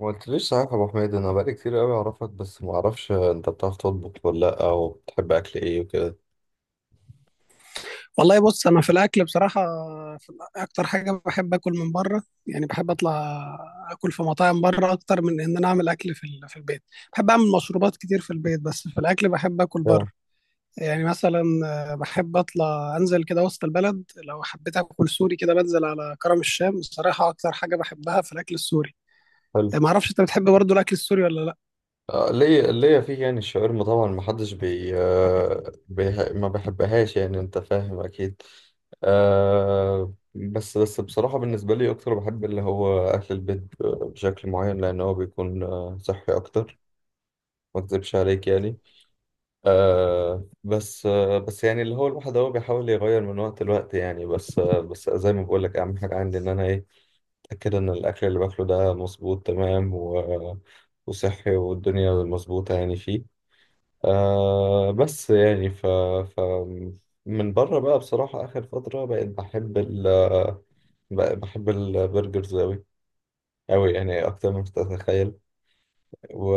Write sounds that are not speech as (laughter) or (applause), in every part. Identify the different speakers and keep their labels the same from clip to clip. Speaker 1: ما قلتليش صحيح يا ابو حميد، انا بقالي كتير قوي اعرفك، بس ما اعرفش انت بتعرف تطبخ ولا لا، او بتحب اكل ايه وكده؟
Speaker 2: والله بص، انا في الاكل بصراحه اكتر حاجه بحب اكل من بره، يعني بحب اطلع اكل في مطاعم بره اكتر من ان انا اعمل اكل في البيت. بحب اعمل مشروبات كتير في البيت، بس في الاكل بحب اكل
Speaker 1: آه،
Speaker 2: بره. يعني مثلا بحب اطلع انزل كده وسط البلد، لو حبيت اكل سوري كده بنزل على كرم الشام. الصراحه اكتر حاجه بحبها في الاكل السوري.
Speaker 1: حلو.
Speaker 2: ما اعرفش انت بتحب برضو الاكل السوري ولا لا.
Speaker 1: آه، ليا فيه يعني الشاورما طبعا ما حدش ما بحبهاش، يعني انت فاهم اكيد. أه بس بس بصراحة بالنسبة لي أكتر بحب اللي هو أكل البيت بشكل معين، لأن هو بيكون صحي أكتر. ما أكذبش عليك يعني. بس يعني اللي هو الواحد هو بيحاول يغير من وقت لوقت يعني، بس زي ما بقول لك اهم حاجه عندي ان انا ايه اتاكد ان الاكل اللي باكله ده مظبوط تمام، وصحي والدنيا مظبوطه يعني فيه. آه بس يعني ف من بره بقى بصراحه اخر فتره بقيت بحب البرجرز اوي اوي، يعني اكتر ما تتخيل. و...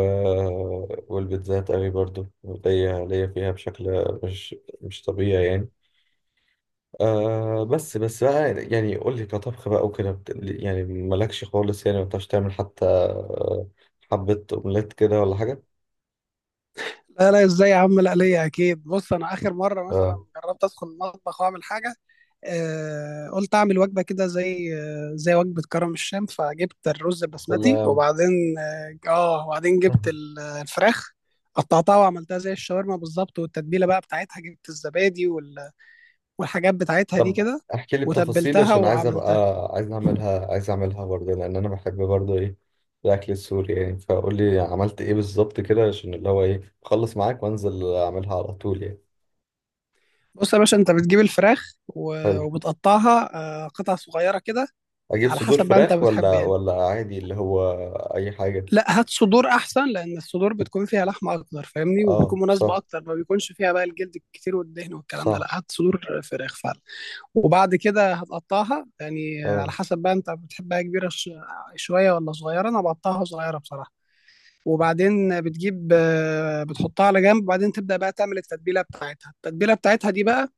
Speaker 1: والبيتزات قوي برضو، ليا فيها بشكل مش طبيعي يعني. بس بقى يعني قول لي كطبخ بقى وكده، يعني مالكش خالص، يعني ما بتعرفش تعمل حتى حبة أومليت كده ولا حاجة؟
Speaker 2: لا لا، ازاي يا عم، لا ليا اكيد. بص انا اخر مره مثلا
Speaker 1: آه،
Speaker 2: جربت ادخل المطبخ واعمل حاجه، قلت اعمل وجبه كده زي زي وجبه كرم الشام. فجبت الرز البسمتي،
Speaker 1: ولا
Speaker 2: وبعدين اه وبعدين جبت
Speaker 1: مهم.
Speaker 2: الفراخ، قطعتها وعملتها زي الشاورما بالظبط. والتتبيله بقى بتاعتها، جبت الزبادي والحاجات بتاعتها دي
Speaker 1: طب
Speaker 2: كده،
Speaker 1: احكي لي بتفاصيل
Speaker 2: وتبلتها
Speaker 1: عشان
Speaker 2: وعملتها.
Speaker 1: عايز اعملها برضه، لان انا بحب برضه ايه الاكل السوري يعني. فقول لي عملت ايه بالظبط كده عشان اللي هو ايه اخلص معاك وانزل اعملها على طول يعني.
Speaker 2: بص يا باشا، انت بتجيب الفراخ
Speaker 1: حلو.
Speaker 2: وبتقطعها قطع صغيره كده،
Speaker 1: اجيب
Speaker 2: على
Speaker 1: صدور
Speaker 2: حسب بقى انت
Speaker 1: فراخ
Speaker 2: بتحب
Speaker 1: ولا
Speaker 2: يعني.
Speaker 1: ولا عادي اللي هو اي حاجه؟
Speaker 2: لا هات صدور احسن، لان الصدور بتكون فيها لحمه اكتر، فاهمني،
Speaker 1: اه
Speaker 2: وبتكون مناسبه
Speaker 1: صح.
Speaker 2: اكتر، ما بيكونش فيها بقى الجلد الكتير والدهن والكلام ده.
Speaker 1: صح.
Speaker 2: لا هات صدور فراخ فعلا. وبعد كده هتقطعها، يعني على
Speaker 1: اه.
Speaker 2: حسب بقى انت بتحبها كبيره شويه ولا صغيره. انا بقطعها صغيره بصراحه. وبعدين بتجيب، بتحطها على جنب، وبعدين تبدا بقى تعمل التتبيله بتاعتها. التتبيله بتاعتها دي بقى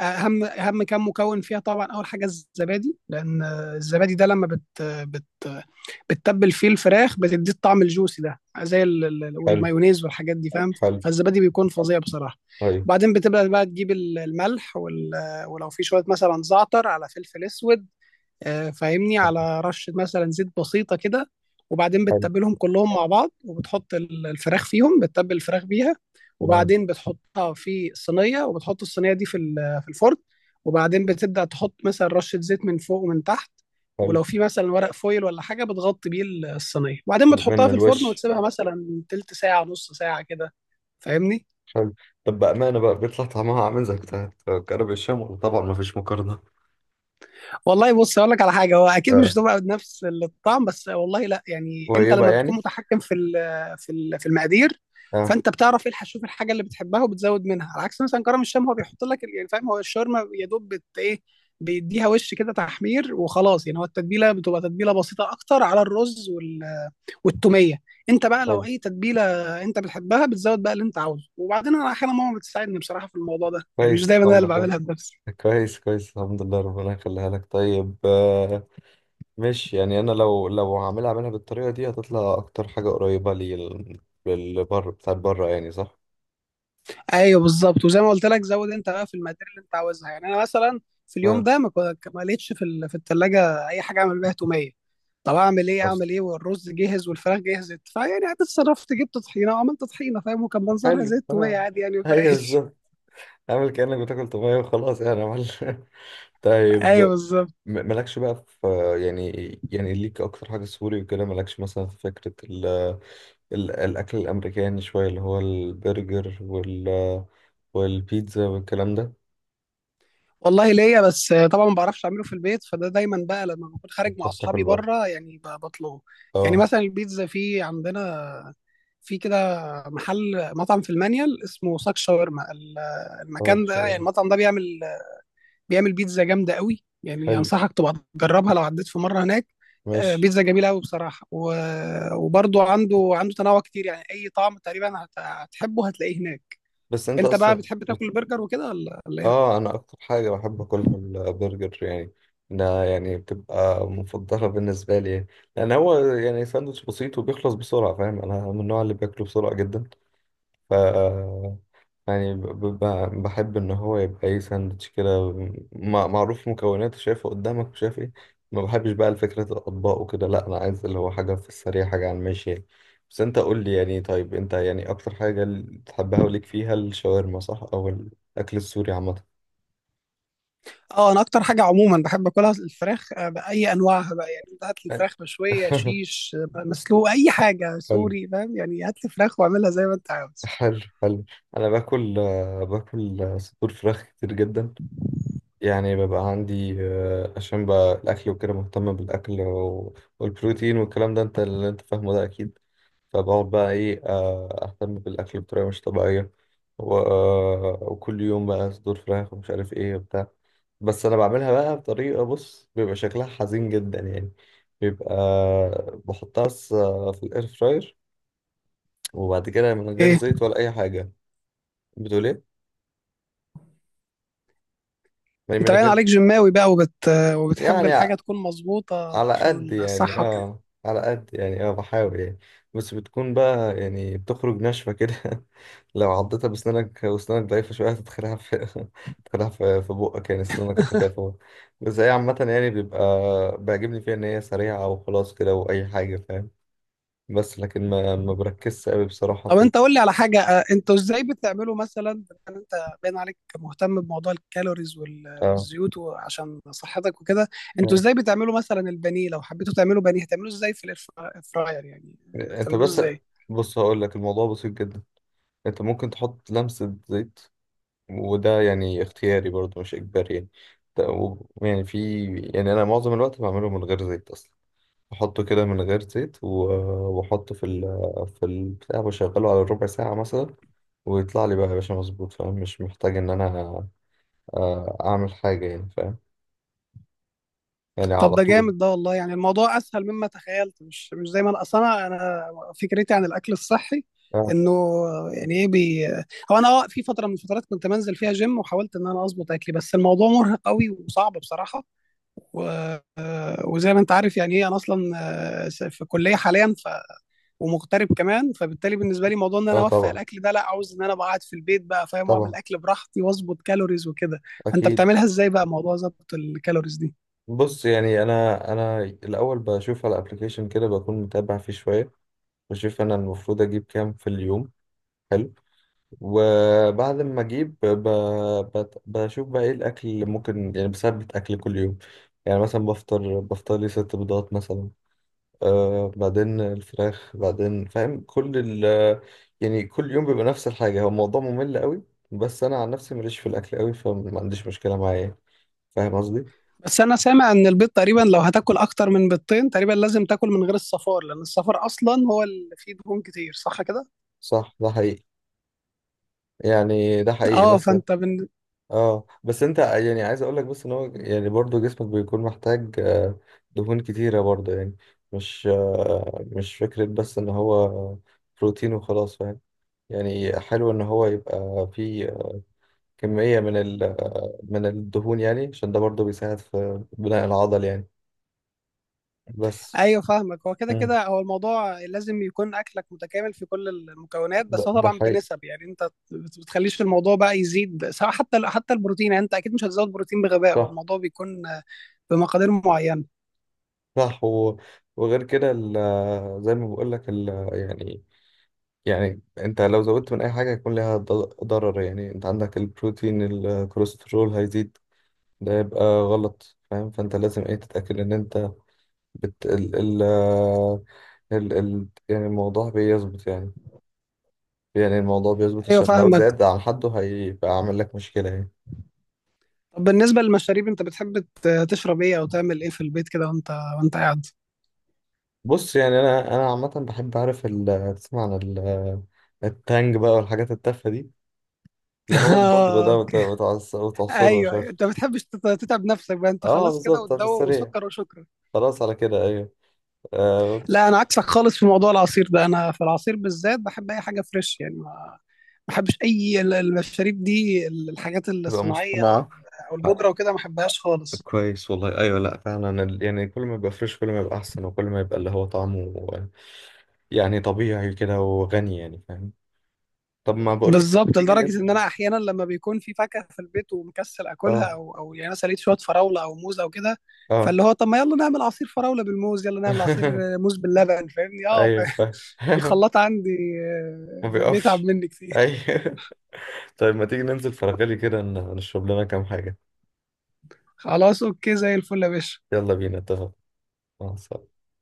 Speaker 2: اهم كام مكون فيها. طبعا اول حاجه الزبادي، لان الزبادي ده لما بت بت بتتبل فيه الفراخ بتديه الطعم الجوسي ده، زي
Speaker 1: حلو.
Speaker 2: والمايونيز والحاجات دي، فاهم.
Speaker 1: حلو.
Speaker 2: فالزبادي بيكون فظيع بصراحه.
Speaker 1: طيب.
Speaker 2: وبعدين بتبدا بقى تجيب الملح ولو في شويه مثلا زعتر على فلفل اسود، فاهمني، على رشة مثلا زيت بسيطة كده. وبعدين
Speaker 1: حلو.
Speaker 2: بتتبلهم كلهم مع بعض، وبتحط الفراخ فيهم، بتتبل الفراخ بيها.
Speaker 1: تمام.
Speaker 2: وبعدين بتحطها في الصينية، وبتحط الصينية دي في الفرن. وبعدين بتبدأ تحط مثلا رشة زيت من فوق ومن تحت.
Speaker 1: حلو.
Speaker 2: ولو في مثلا ورق فويل ولا حاجة بتغطي بيه الصينية، وبعدين بتحطها
Speaker 1: من
Speaker 2: في الفرن
Speaker 1: الوش.
Speaker 2: وتسيبها مثلا تلت ساعة نص ساعة كده، فاهمني.
Speaker 1: حلو. طب بامانه بقى بيطلع طعمها عامل زي بتاع كرب الشام، ولا طبعا ما فيش مقارنه؟
Speaker 2: والله بص، اقول لك على حاجه، هو اكيد مش
Speaker 1: اه.
Speaker 2: هتبقى بنفس الطعم، بس والله لا، يعني انت
Speaker 1: قريبه
Speaker 2: لما بتكون
Speaker 1: يعني.
Speaker 2: متحكم في في المقادير،
Speaker 1: اه.
Speaker 2: فانت بتعرف ايه الحشوف الحاجه اللي بتحبها وبتزود منها. على عكس مثلا كرم الشام، هو بيحط لك يعني فاهم، هو الشاورما يا دوب بت ايه، بيديها وش كده تحمير وخلاص يعني. هو التتبيله بتبقى تتبيله بسيطه اكتر، على الرز والتوميه. انت بقى لو
Speaker 1: حلو.
Speaker 2: اي تتبيله انت بتحبها بتزود بقى اللي انت عاوزه. وبعدين انا احيانا ماما بتساعدني بصراحه في الموضوع ده، يعني مش
Speaker 1: كويس،
Speaker 2: دايما انا
Speaker 1: الحمد
Speaker 2: اللي
Speaker 1: لله.
Speaker 2: بعملها بنفسي.
Speaker 1: كويس، كويس، الحمد لله، ربنا يخليها لك. طيب آه، ماشي. يعني انا لو هعملها منها بالطريقه دي هتطلع اكتر حاجه قريبه لي للبر بتاعت بره يعني، صح؟
Speaker 2: ايوه بالظبط، وزي ما قلت لك زود انت بقى في المقادير اللي انت عاوزها. يعني انا مثلا في اليوم
Speaker 1: اه.
Speaker 2: ده ما لقيتش في الثلاجه اي حاجه اعمل بيها توميه. طب اعمل ايه، اعمل ايه، والرز جهز والفراخ جهزت، فيعني اتصرفت، جبت طحينه وعملت طحينه، فاهم، وكان منظرها زي
Speaker 1: حلو.
Speaker 2: التوميه
Speaker 1: اه،
Speaker 2: عادي، يعني ما
Speaker 1: ايوه
Speaker 2: فرقش.
Speaker 1: بالظبط. عامل كأنك بتاكل طبيعي وخلاص يعني عمل (laughs)
Speaker 2: (laughs)
Speaker 1: طيب
Speaker 2: ايوه بالظبط.
Speaker 1: مالكش بقى في، يعني يعني ليك اكتر حاجة سوري وكده، مالكش مثلا في فكرة ال الاكل الامريكاني شوية، اللي هو البرجر والبيتزا والكلام ده؟
Speaker 2: والله ليا، بس طبعا ما بعرفش اعمله في البيت، فده دايما بقى لما بكون خارج مع
Speaker 1: بتعرف تاكل
Speaker 2: اصحابي
Speaker 1: بره.
Speaker 2: بره، يعني بطلبه. يعني
Speaker 1: اه.
Speaker 2: مثلا البيتزا في عندنا في كده محل، مطعم في المانيال اسمه ساك شاورما.
Speaker 1: اه
Speaker 2: المكان ده، يعني
Speaker 1: شوية.
Speaker 2: المطعم ده بيعمل بيعمل بيتزا جامده قوي، يعني
Speaker 1: حلو.
Speaker 2: انصحك تبقى تجربها لو عديت في مره هناك.
Speaker 1: ماشي.
Speaker 2: بيتزا جميله قوي بصراحه، وبرضو عنده تنوع كتير، يعني اي طعم تقريبا هتحبه هتلاقيه هناك.
Speaker 1: بس انت
Speaker 2: انت بقى
Speaker 1: اصلا.
Speaker 2: بتحب تاكل برجر وكده ولا ولا ايه؟
Speaker 1: اه. انا اكتر حاجه بحب اكلها البرجر يعني، ده يعني بتبقى مفضله بالنسبه لي يعني. لان هو يعني ساندوتش بسيط وبيخلص بسرعه، فاهم انا من النوع اللي بياكله بسرعه جدا. ف يعني ب- ب- بحب ان هو يبقى ايه ساندوتش كده، معروف مكوناته، شايفه قدامك وشايف ايه. ما بحبش بقى الفكرة الاطباق وكده، لا انا عايز اللي هو حاجه في السريع، حاجه على الماشي يعني. بس انت قول لي يعني، طيب انت يعني اكتر حاجه اللي تحبها وليك فيها الشاورما صح، او الاكل السوري عامه؟
Speaker 2: اه انا اكتر حاجه عموما بحب اكلها الفراخ، باي انواعها بقى. يعني انت هات لي
Speaker 1: حلو.
Speaker 2: فراخ مشويه،
Speaker 1: (laughs)
Speaker 2: شيش، مسلوق، اي حاجه
Speaker 1: حلو.
Speaker 2: سوري، فاهم، يعني هات لي فراخ واعملها زي ما انت عاوز.
Speaker 1: حلو. حلو. انا باكل صدور فراخ كتير جدا، يعني ببقى عندي عشان بقى الاكل وكده مهتم بالاكل، والبروتين والكلام ده انت اللي انت فاهمه ده اكيد. فبقعد بقى ايه اهتم بالاكل بطريقه مش طبيعيه، وكل يوم بقى صدور فراخ ومش عارف ايه وبتاع. بس انا بعملها بقى بطريقه، بص بيبقى شكلها حزين جدا يعني. بيبقى بحطها بس في الاير فراير، وبعد كده من غير
Speaker 2: اوكي،
Speaker 1: زيت ولا اي حاجه. بتقول ايه؟ يعني
Speaker 2: انت
Speaker 1: من
Speaker 2: باين
Speaker 1: غير.
Speaker 2: عليك جماوي بقى وبتحب
Speaker 1: يعني
Speaker 2: الحاجه تكون مظبوطه
Speaker 1: على
Speaker 2: عشان
Speaker 1: قد يعني،
Speaker 2: الصحه وكده.
Speaker 1: على قد يعني بحاول يعني. بس بتكون بقى يعني بتخرج ناشفه كده. (laughs) لو عضتها بسنانك وسنانك ضعيفه شويه هتدخلها في (laughs) تدخلها في بقك يعني سنانك هتخاف. بس هي عامه يعني بيبقى بيعجبني فيها ان هي سريعه وخلاص كده واي حاجه فاهم. بس لكن ما ما بركزش قوي بصراحه
Speaker 2: طب انت قول لي على حاجه، اه، انتوا ازاي بتعملوا مثلا؟ يعني انت باين عليك مهتم بموضوع الكالوريز
Speaker 1: اه.
Speaker 2: والزيوت عشان صحتك وكده. انتوا
Speaker 1: آه.
Speaker 2: ازاي بتعملوا مثلا البانيه؟ لو حبيتوا تعملوا بانيه هتعملوه ازاي في الاير فراير يعني،
Speaker 1: انت
Speaker 2: بتعملوه
Speaker 1: بس
Speaker 2: ازاي؟
Speaker 1: بص هقول لك الموضوع بسيط جدا. انت ممكن تحط لمسة زيت، وده يعني اختياري برضه مش اجباري يعني. ت- و- يعني في يعني انا معظم الوقت بعمله من غير زيت اصلا، بحطه كده من غير زيت، واحطه في البتاع، بشغله على ربع ساعة مثلا، ويطلع لي بقى يا باشا مظبوط، فاهم مش محتاج ان انا اعمل حاجة يعني فاهم، يعني
Speaker 2: طب
Speaker 1: على
Speaker 2: ده
Speaker 1: طول.
Speaker 2: جامد ده والله، يعني الموضوع اسهل مما تخيلت، مش مش زي ما انا اصلا أنا فكرتي عن الاكل الصحي
Speaker 1: اه.
Speaker 2: انه، يعني ايه بي، هو انا اه في فتره من الفترات كنت بنزل فيها جيم، وحاولت ان انا اظبط اكلي، بس الموضوع مرهق قوي وصعب بصراحه. و... وزي ما انت عارف يعني ايه، انا اصلا في كليه حاليا، ومغترب كمان، فبالتالي بالنسبه لي موضوع ان انا
Speaker 1: اه.
Speaker 2: اوفق
Speaker 1: طبعا.
Speaker 2: الاكل ده، لا عاوز ان انا أبقى قاعد في البيت بقى، فاهم، واعمل
Speaker 1: طبعا.
Speaker 2: اكل براحتي واظبط كالوريز وكده. فانت
Speaker 1: اكيد.
Speaker 2: بتعملها ازاي بقى موضوع ظبط الكالوريز دي؟
Speaker 1: بص يعني انا الاول بشوف على ابلكيشن كده بكون متابع فيه شوية، بشوف انا المفروض اجيب كام في اليوم. حلو. وبعد ما اجيب بشوف بقى ايه الاكل اللي ممكن يعني بثبت اكل كل يوم. يعني مثلا بفطر لي ست بيضات مثلا، بعدين الفراخ بعدين، فاهم كل يعني كل يوم بيبقى نفس الحاجة، هو الموضوع ممل قوي. بس انا عن نفسي ماليش في الاكل قوي، فما عنديش مشكلة معايا فاهم قصدي.
Speaker 2: بس انا سامع ان البيض تقريبا، لو هتاكل اكتر من بيضتين تقريبا لازم تاكل من غير الصفار، لان الصفار اصلا هو اللي فيه دهون كتير، صح كده؟
Speaker 1: صح ده حقيقي، يعني ده حقيقي
Speaker 2: اه
Speaker 1: بس.
Speaker 2: فانت
Speaker 1: اه بس انت يعني عايز اقول لك بس ان هو يعني برضو جسمك بيكون محتاج دهون كتيرة برضو يعني. مش فكرة بس ان هو بروتين وخلاص فاهم، يعني حلو ان هو يبقى فيه كمية من ال آه، من الدهون يعني عشان ده برضو بيساعد في بناء العضل يعني بس.
Speaker 2: ايوه فاهمك، هو كده
Speaker 1: مم.
Speaker 2: كده هو الموضوع لازم يكون اكلك متكامل في كل المكونات،
Speaker 1: ده,
Speaker 2: بس هو
Speaker 1: ده
Speaker 2: طبعا
Speaker 1: حقيقي.
Speaker 2: بنسب. يعني انت بتخليش في الموضوع بقى يزيد، سواء حتى حتى البروتين، يعني انت اكيد مش هتزود بروتين بغباء، هو
Speaker 1: صح.
Speaker 2: الموضوع بيكون بمقادير معينة.
Speaker 1: صح وغير كده زي ما بقول لك ال... آه، يعني انت لو زودت من اي حاجه هيكون ليها ضرر يعني. انت عندك البروتين الكوليسترول هيزيد، ده يبقى غلط فاهم. فانت لازم ايه تتاكد ان انت بت ال ال ال ال يعني الموضوع بيظبط يعني، يعني الموضوع بيظبط
Speaker 2: ايوه
Speaker 1: عشان لو
Speaker 2: فاهمك.
Speaker 1: زاد عن حده هيبقى عامل لك مشكله يعني.
Speaker 2: طب بالنسبة للمشاريب، انت بتحب تشرب ايه او تعمل ايه في البيت كده وانت وانت قاعد؟
Speaker 1: بص يعني انا عامه بحب اعرف تسمع عن التانج بقى والحاجات التافهه دي، اللي هو البودره ده
Speaker 2: (laughs)
Speaker 1: وتعصره مش
Speaker 2: ايوه ايوه،
Speaker 1: عارف.
Speaker 2: انت ما بتحبش تتعب نفسك بقى، انت
Speaker 1: اه
Speaker 2: خلاص كده
Speaker 1: بالظبط في
Speaker 2: وتدوب
Speaker 1: السريع.
Speaker 2: وسكر وشكرا.
Speaker 1: خلاص على كده، ايوه. آه،
Speaker 2: لا انا عكسك خالص في موضوع العصير ده. انا في العصير بالذات بحب اي حاجه فريش، يعني ما ما بحبش اي المشاريب دي، الحاجات
Speaker 1: تبقى
Speaker 2: الصناعيه او ال-
Speaker 1: مصطنعة
Speaker 2: او
Speaker 1: حق.
Speaker 2: البودره وكده ما بحبهاش خالص.
Speaker 1: كويس والله. أيوة، لأ فعلا يعني كل ما يبقى فريش كل ما يبقى أحسن، وكل ما يبقى اللي هو طعمه يعني طبيعي كده وغني يعني فاهم. طب ما بقولك إيه، ما
Speaker 2: بالظبط،
Speaker 1: تيجي
Speaker 2: لدرجه ان
Speaker 1: ننزل؟
Speaker 2: انا احيانا لما بيكون في فاكهه في البيت ومكسل اكلها،
Speaker 1: اه.
Speaker 2: او او يعني انا سليت شويه فراوله او موز او كده،
Speaker 1: اه.
Speaker 2: فاللي هو طب ما يلا نعمل عصير فراوله بالموز، يلا نعمل عصير
Speaker 1: (laughs)
Speaker 2: موز باللبن، فاهمني اه
Speaker 1: أيوة فاهم.
Speaker 2: (laughs) الخلاط
Speaker 1: (laughs)
Speaker 2: عندي
Speaker 1: ما
Speaker 2: بيتعب
Speaker 1: بيقفش.
Speaker 2: مني كتير.
Speaker 1: أيوة. (laughs) طيب ما تيجي ننزل فرغلي كده نشرب لنا كام حاجة؟
Speaker 2: خلاص اوكي، زي الفل يا باشا.
Speaker 1: يلا بينا اتفق. مع السلامة.